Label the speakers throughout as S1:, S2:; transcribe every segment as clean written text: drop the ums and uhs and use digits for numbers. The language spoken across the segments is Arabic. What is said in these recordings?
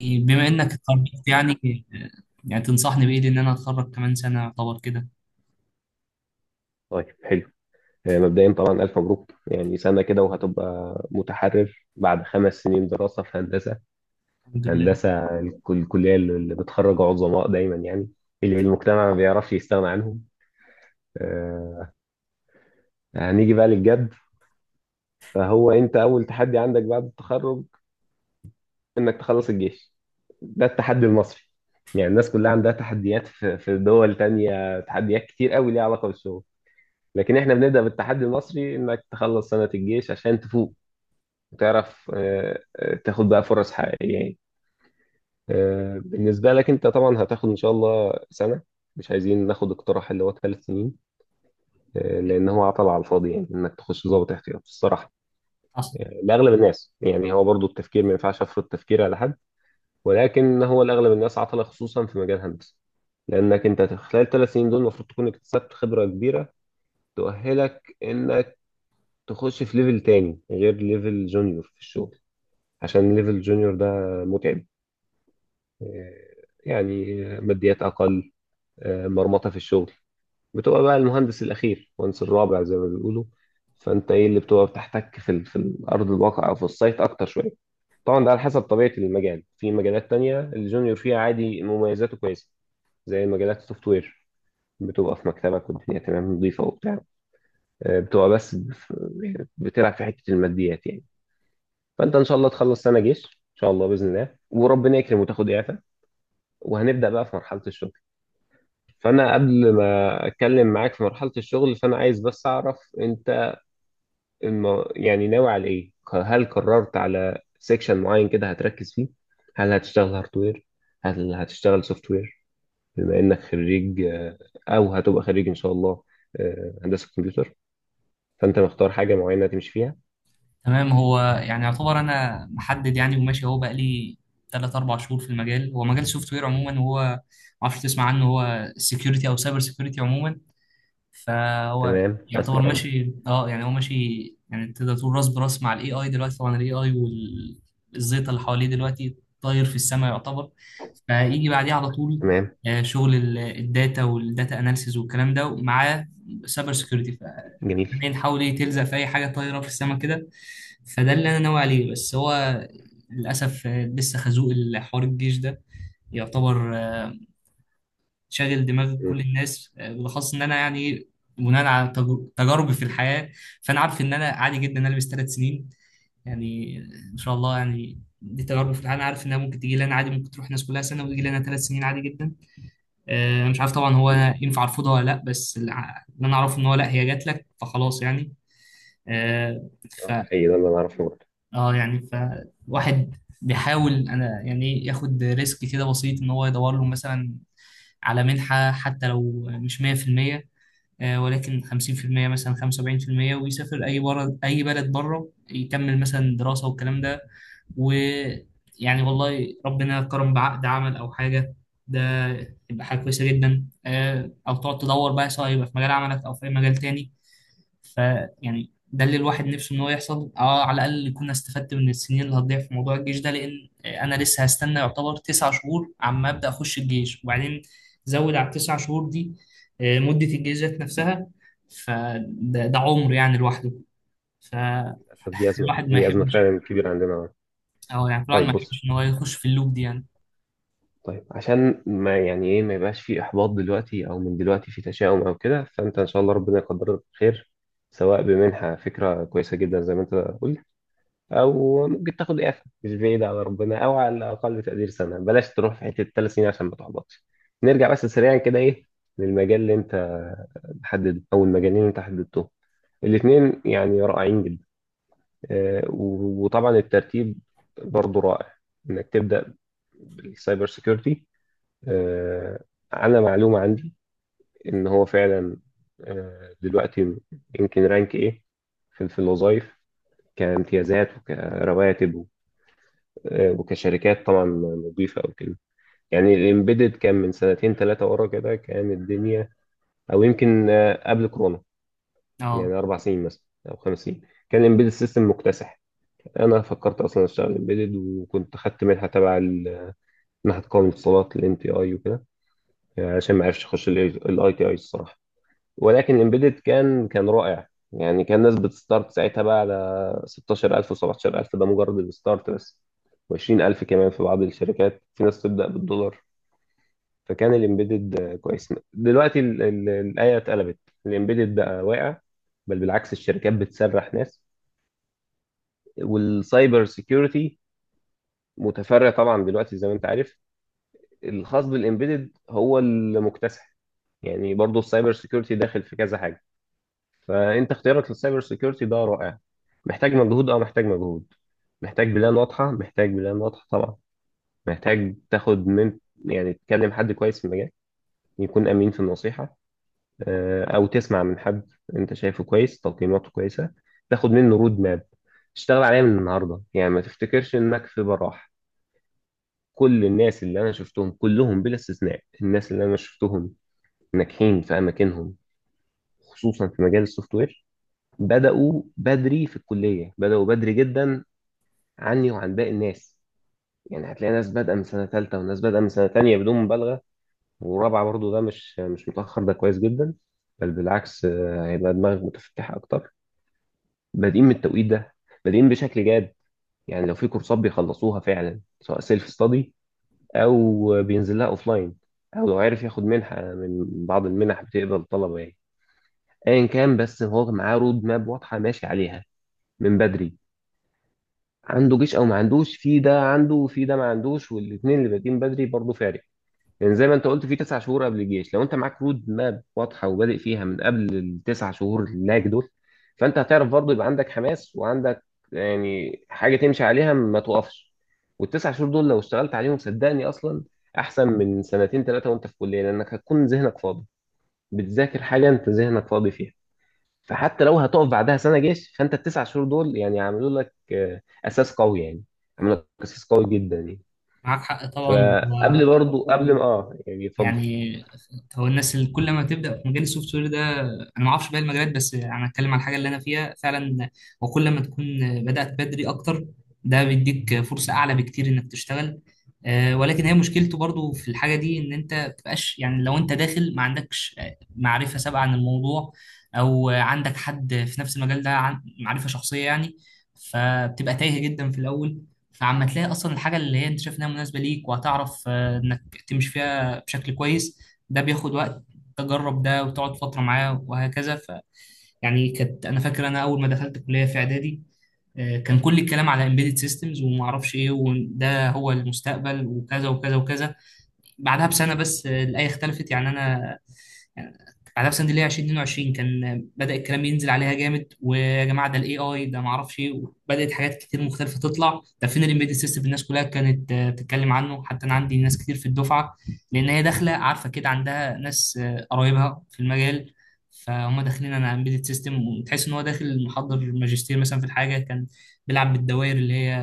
S1: بما انك اتخرجت، يعني تنصحني بايه؟ لان انا اتخرج كمان سنه يعتبر كده.
S2: طيب، حلو. مبدئيا طبعا، ألف مبروك، يعني سنة كده وهتبقى متحرر بعد 5 سنين دراسة في هندسة.
S1: الحمد لله.
S2: الكلية اللي بتخرج عظماء دايما، يعني اللي المجتمع ما بيعرفش يستغنى عنهم. آه، هنيجي بقى للجد. فهو أنت أول تحدي عندك بعد التخرج، إنك تخلص الجيش. ده التحدي المصري، يعني الناس كلها عندها تحديات في دول تانية، تحديات كتير قوي ليها علاقة بالشغل. لكن احنا بنبدأ بالتحدي المصري، انك تخلص سنة الجيش عشان تفوق وتعرف تاخد بقى فرص حقيقية يعني. بالنسبة لك أنت طبعا هتاخد إن شاء الله سنة، مش عايزين ناخد اقتراح اللي هو 3 سنين. لأن هو عطل على الفاضي، يعني إنك تخش ضابط احتياط الصراحة.
S1: أصلا.
S2: لأغلب الناس، يعني هو برضو التفكير ما ينفعش أفرض تفكير على حد، ولكن هو لأغلب الناس عطل، خصوصا في مجال الهندسة. لأنك أنت خلال 3 سنين دول المفروض تكون اكتسبت خبرة كبيرة تؤهلك إنك تخش في ليفل تاني غير ليفل جونيور في الشغل. عشان ليفل جونيور ده متعب، يعني ماديات أقل، مرمطة في الشغل، بتبقى بقى المهندس الأخير، المهندس الرابع زي ما بيقولوا. فأنت إيه اللي بتبقى بتحتك في في الأرض الواقع أو في السايت أكتر شوية. طبعا ده على حسب طبيعة المجال، في مجالات تانية الجونيور فيها عادي، مميزاته كويسة، زي مجالات السوفت وير، بتبقى في مكتبك والدنيا تمام نظيفة وبتاع. بتبقى بس بتلعب في حتة الماديات يعني. فأنت إن شاء الله تخلص سنة جيش إن شاء الله بإذن الله، وربنا يكرم وتاخد إعفاء، وهنبدأ بقى في مرحلة الشغل. فانا قبل ما اتكلم معاك في مرحله الشغل، فانا عايز بس اعرف انت يعني ناوي على ايه، هل قررت على سيكشن معين كده هتركز فيه؟ هل هتشتغل هاردوير؟ هل هتشتغل سوفت وير؟ بما انك خريج، او هتبقى خريج ان شاء الله، هندسه كمبيوتر، فانت مختار حاجه معينه تمشي فيها؟
S1: تمام، هو يعني يعتبر انا محدد يعني وماشي اهو بقى لي 3 4 شهور في المجال. هو مجال سوفت وير عموما، وهو ما اعرفش تسمع عنه، هو سكيورتي او سايبر سكيورتي عموما. فهو
S2: تمام،
S1: يعتبر
S2: اسمع عنها.
S1: ماشي، يعني هو ماشي، يعني تقدر تقول راس براس مع الاي اي دلوقتي. طبعا الاي اي والزيطه اللي حواليه دلوقتي طاير في السماء يعتبر، فيجي بعديه على طول.
S2: تمام.
S1: شغل الداتا والداتا اناليسيز والكلام ده، ومعاه سايبر سكيورتي.
S2: جميل.
S1: فالحين حاول ايه تلزق في اي حاجه طايره في السماء كده. فده اللي انا ناوي عليه، بس هو للاسف لسه خازوق الحوار الجيش ده يعتبر شاغل دماغ كل
S2: م-
S1: الناس، بالاخص ان انا يعني بناء على تجاربي في الحياه، فانا عارف ان انا عادي جدا ان انا البس 3 سنين. يعني ان شاء الله، يعني دي تجاربي في الحياه، انا عارف انها ممكن تيجي لي انا. عادي ممكن تروح الناس كلها سنه وتيجي لي انا 3 سنين عادي جدا. انا مش عارف طبعا هو أنا
S2: م.
S1: ينفع ارفضها ولا لا، بس اللي اللي انا اعرفه ان هو لا، هي جات لك فخلاص يعني. آه، ف
S2: اه، ده حقيقي، ده اللي انا اعرفه برضه.
S1: اه يعني فواحد بيحاول انا يعني ياخد ريسك كده بسيط، ان هو يدور له مثلا على منحة، حتى لو مش 100%، ولكن 50% مثلا، 75%، ويسافر اي بره، اي بلد بره، يكمل مثلا دراسة والكلام ده. ويعني والله ربنا كرم بعقد عمل او حاجة، ده يبقى حاجة كويسة جدا. او تقعد تدور بقى، سواء يبقى في مجال عملك او في اي مجال تاني. ف يعني ده اللي الواحد نفسه ان هو يحصل على الاقل يكون استفدت من السنين اللي هتضيع في موضوع الجيش ده، لان انا لسه هستنى يعتبر 9 شهور عما ابدا اخش الجيش. وبعدين زود على التسع شهور دي مده الجيش ذات نفسها، فده ده عمر يعني لوحده.
S2: للاسف دي ازمه،
S1: فالواحد ما
S2: دي ازمه
S1: يحبش،
S2: فعلا كبيره عندنا.
S1: اه يعني الواحد ما
S2: طيب، بص.
S1: يحبش ان هو يخش في اللوب دي يعني.
S2: طيب، عشان ما يعني ايه ما يبقاش في احباط دلوقتي او من دلوقتي في تشاؤم او كده، فانت ان شاء الله ربنا يقدرك خير، سواء بمنحة، فكرة كويسة جدا زي ما انت قلت، او ممكن تاخد اعفاء مش بعيد على ربنا، او على الاقل تقدير سنة، بلاش تروح في حتة 3 سنين عشان ما تحبطش. نرجع بس سريعا كده، ايه للمجال اللي انت حدد او المجالين اللي انت حددتهم. الاثنين يعني رائعين جدا. وطبعا الترتيب برضو رائع، انك تبدا بالسايبر سيكيورتي. آه، انا معلومه عندي ان هو فعلا دلوقتي يمكن رانك ايه في الوظائف، كامتيازات وكرواتب، وكشركات طبعا نظيفه او كده. يعني الامبيدد كان من سنتين ثلاثه ورا كده، كان الدنيا، او يمكن قبل كورونا، يعني
S1: اه،
S2: 4 سنين مثلا او 5 سنين، كان الامبيدد سيستم مكتسح. انا فكرت اصلا اشتغل امبيدد، وكنت خدت منحه تبع منحه قوائم الاتصالات الام تي اي وكده. عشان ما عرفش اخش الاي تي اي الصراحه. ولكن الامبيدد كان رائع، يعني كان الناس بتستارت ساعتها بقى على 16000 و17000، ده مجرد الستارت بس، و20000 كمان في بعض الشركات، في ناس تبدأ بالدولار. فكان الامبيدد كويس. دلوقتي الآية اتقلبت، الامبيدد بقى واقع، بل بالعكس الشركات بتسرح ناس. والسايبر سيكيورتي متفرع طبعا دلوقتي زي ما انت عارف، الخاص بالامبيدد هو المكتسح. يعني برضه السايبر سيكيورتي داخل في كذا حاجة. فانت اختيارك للسايبر سيكيورتي ده رائع. محتاج مجهود، اه محتاج مجهود، محتاج بلان واضحه، محتاج بلان واضحه طبعا. محتاج تاخد من، يعني تكلم حد كويس في المجال يكون امين في النصيحه، او تسمع من حد انت شايفه كويس تقييماته كويسه، تاخد منه رود ماب تشتغل عليها من النهارده، يعني ما تفتكرش انك في براح. كل الناس اللي انا شفتهم كلهم بلا استثناء، الناس اللي انا شفتهم ناجحين في اماكنهم، خصوصا في مجال السوفت وير، بدأوا بدري في الكلية، بدأوا بدري جدا عني وعن باقي الناس. يعني هتلاقي ناس بادئة من سنة تالتة وناس بادئة من سنة تانية بدون مبالغة، ورابعة برضو، ده مش متأخر، ده كويس جدا، بل بالعكس، هيبقى دماغك متفتحة أكتر. بادئين من التوقيت ده، بادئين بشكل جاد، يعني لو في كورسات بيخلصوها فعلا، سواء سيلف ستادي، أو بينزل لها أوفلاين، أو لو عرف ياخد منحة من بعض المنح بتقبل الطلبة يعني، أيا كان، بس هو معاه رود ماب واضحة ماشي عليها من بدري. عنده جيش او ما عندوش، في ده عنده وفي ده ما عندوش، والاثنين اللي بادئين بدري برضه فارق. لان زي ما انت قلت، في 9 شهور قبل الجيش، لو انت معاك رود ماب واضحه وبادئ فيها من قبل التسع شهور اللاج دول، فانت هتعرف برضه يبقى عندك حماس وعندك، يعني حاجه تمشي عليها ما توقفش. والتسع شهور دول لو اشتغلت عليهم صدقني، اصلا احسن من سنتين ثلاثه وانت في كليه، لانك هتكون ذهنك فاضي بتذاكر حاجه انت ذهنك فاضي فيها. فحتى لو هتقف بعدها سنه جيش، فانت التسع شهور دول يعني عملوا لك اساس قوي يعني، عملوا لك اساس قوي جدا يعني.
S1: معاك حق طبعا.
S2: فقبل برضو، قبل ما يعني اتفضل.
S1: يعني هو الناس اللي كل ما تبدا في مجال السوفت وير ده، انا ما اعرفش باقي المجالات، بس انا اتكلم على الحاجه اللي انا فيها فعلا، وكل ما تكون بدات بدري اكتر، ده بيديك فرصه اعلى بكتير انك تشتغل. ولكن هي مشكلته برضو في الحاجه دي، ان انت ما بتبقاش يعني لو انت داخل ما عندكش معرفه سابقه عن الموضوع، او عندك حد في نفس المجال ده، معرفه شخصيه يعني، فبتبقى تايه جدا في الاول. فعما تلاقي اصلا الحاجه اللي هي انت شايف انها مناسبه ليك، وهتعرف انك تمشي فيها بشكل كويس، ده بياخد وقت، تجرب ده وتقعد فترة معاه وهكذا. يعني كانت، انا فاكر انا اول ما دخلت كلية في اعدادي كان كل الكلام على امبيدد سيستمز وما اعرفش ايه، وده هو المستقبل وكذا وكذا وكذا. بعدها بسنة بس الآية اختلفت. يعني انا على نفس اللي هي 2022 كان بدأ الكلام ينزل عليها جامد، ويا جماعه ده الاي اي ده، ما اعرفش ايه، بدأت حاجات كتير مختلفه تطلع. ده فين الامبيدد سيستم؟ الناس كلها كانت بتتكلم عنه، حتى انا عندي ناس كتير في الدفعه، لان هي داخله عارفه كده، عندها ناس قرايبها في المجال، فهم داخلين انا امبيدد سيستم، وتحس ان هو داخل محضر ماجستير مثلا في الحاجه، كان بيلعب بالدوائر اللي هي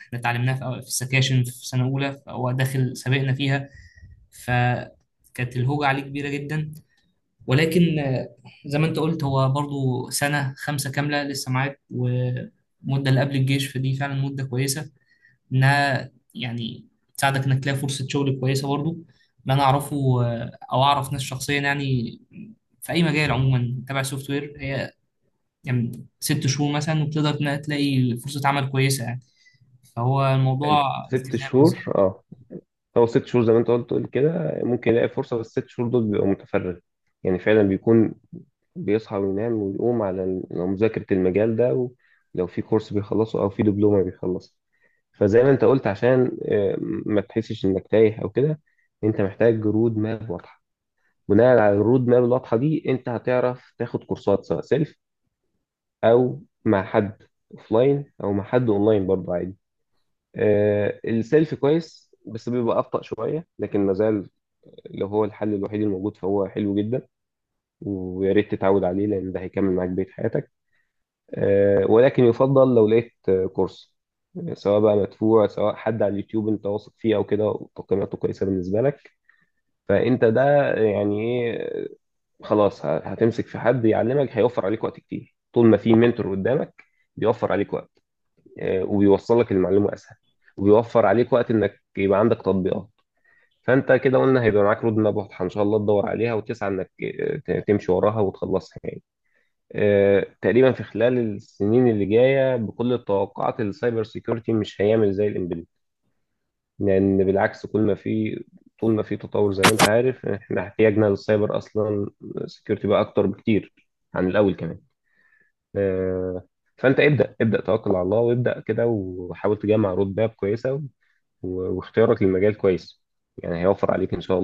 S1: احنا اتعلمناها في السكاشن في سنه اولى، فهو داخل سابقنا فيها، فكانت الهوجه عليه كبيره جدا. ولكن زي ما انت قلت، هو برضو سنة خمسة كاملة لسه معاك، ومدة اللي قبل الجيش، فدي فعلا مدة كويسة انها يعني تساعدك انك تلاقي فرصة شغل كويسة. برضو اللي انا اعرفه، او اعرف ناس شخصيا يعني، في اي مجال عموما تبع سوفت وير، هي يعني 6 شهور مثلا وبتقدر إنها تلاقي فرصة عمل كويسة يعني. فهو
S2: حلو،
S1: الموضوع
S2: ست
S1: التزام
S2: شهور
S1: بالظبط.
S2: اه. هو 6 شهور زي ما انت قلت كده ممكن يلاقي فرصه، بس الست شهور دول بيبقى متفرغ، يعني فعلا بيكون بيصحى وينام ويقوم على مذاكره المجال ده، ولو في كورس بيخلصه او في دبلومه بيخلصه. فزي ما انت قلت عشان ما تحسش انك تايه او كده، انت محتاج جرود ما واضحه، بناء على الرود ماب الواضحه دي انت هتعرف تاخد كورسات سواء سيلف، او مع حد اوفلاين او مع حد اونلاين برضه عادي. آه، السيلف كويس بس بيبقى ابطأ شويه، لكن مازال لو هو الحل الوحيد الموجود فهو حلو جدا، ويا ريت تتعود عليه لان ده هيكمل معاك بقيه حياتك. آه، ولكن يفضل لو لقيت كورس، سواء بقى مدفوع، سواء حد على اليوتيوب انت واثق فيه او كده وتقييماته كويسه بالنسبه لك، فانت ده يعني ايه، خلاص هتمسك في حد يعلمك، هيوفر عليك وقت كتير. طول ما في منتور قدامك، بيوفر عليك وقت، وبيوصل لك المعلومة أسهل، وبيوفر عليك وقت إنك يبقى عندك تطبيقات. فأنت كده قلنا هيبقى معاك رود ماب واضحة إن شاء الله، تدور عليها وتسعى إنك تمشي وراها وتخلصها يعني. تقريبا في خلال السنين اللي جاية بكل التوقعات، السايبر سيكيورتي مش هيعمل زي الإمبيدد، لان بالعكس كل ما في، طول ما في تطور زي ما انت عارف، احنا احتياجنا للسايبر اصلا سكيورتي بقى اكتر بكتير عن الاول كمان. آه، فانت ابدا ابدا توكل على الله وابدا كده، وحاول تجمع رود ماب كويسه، واختيارك للمجال كويس، يعني هيوفر عليك ان شاء الله.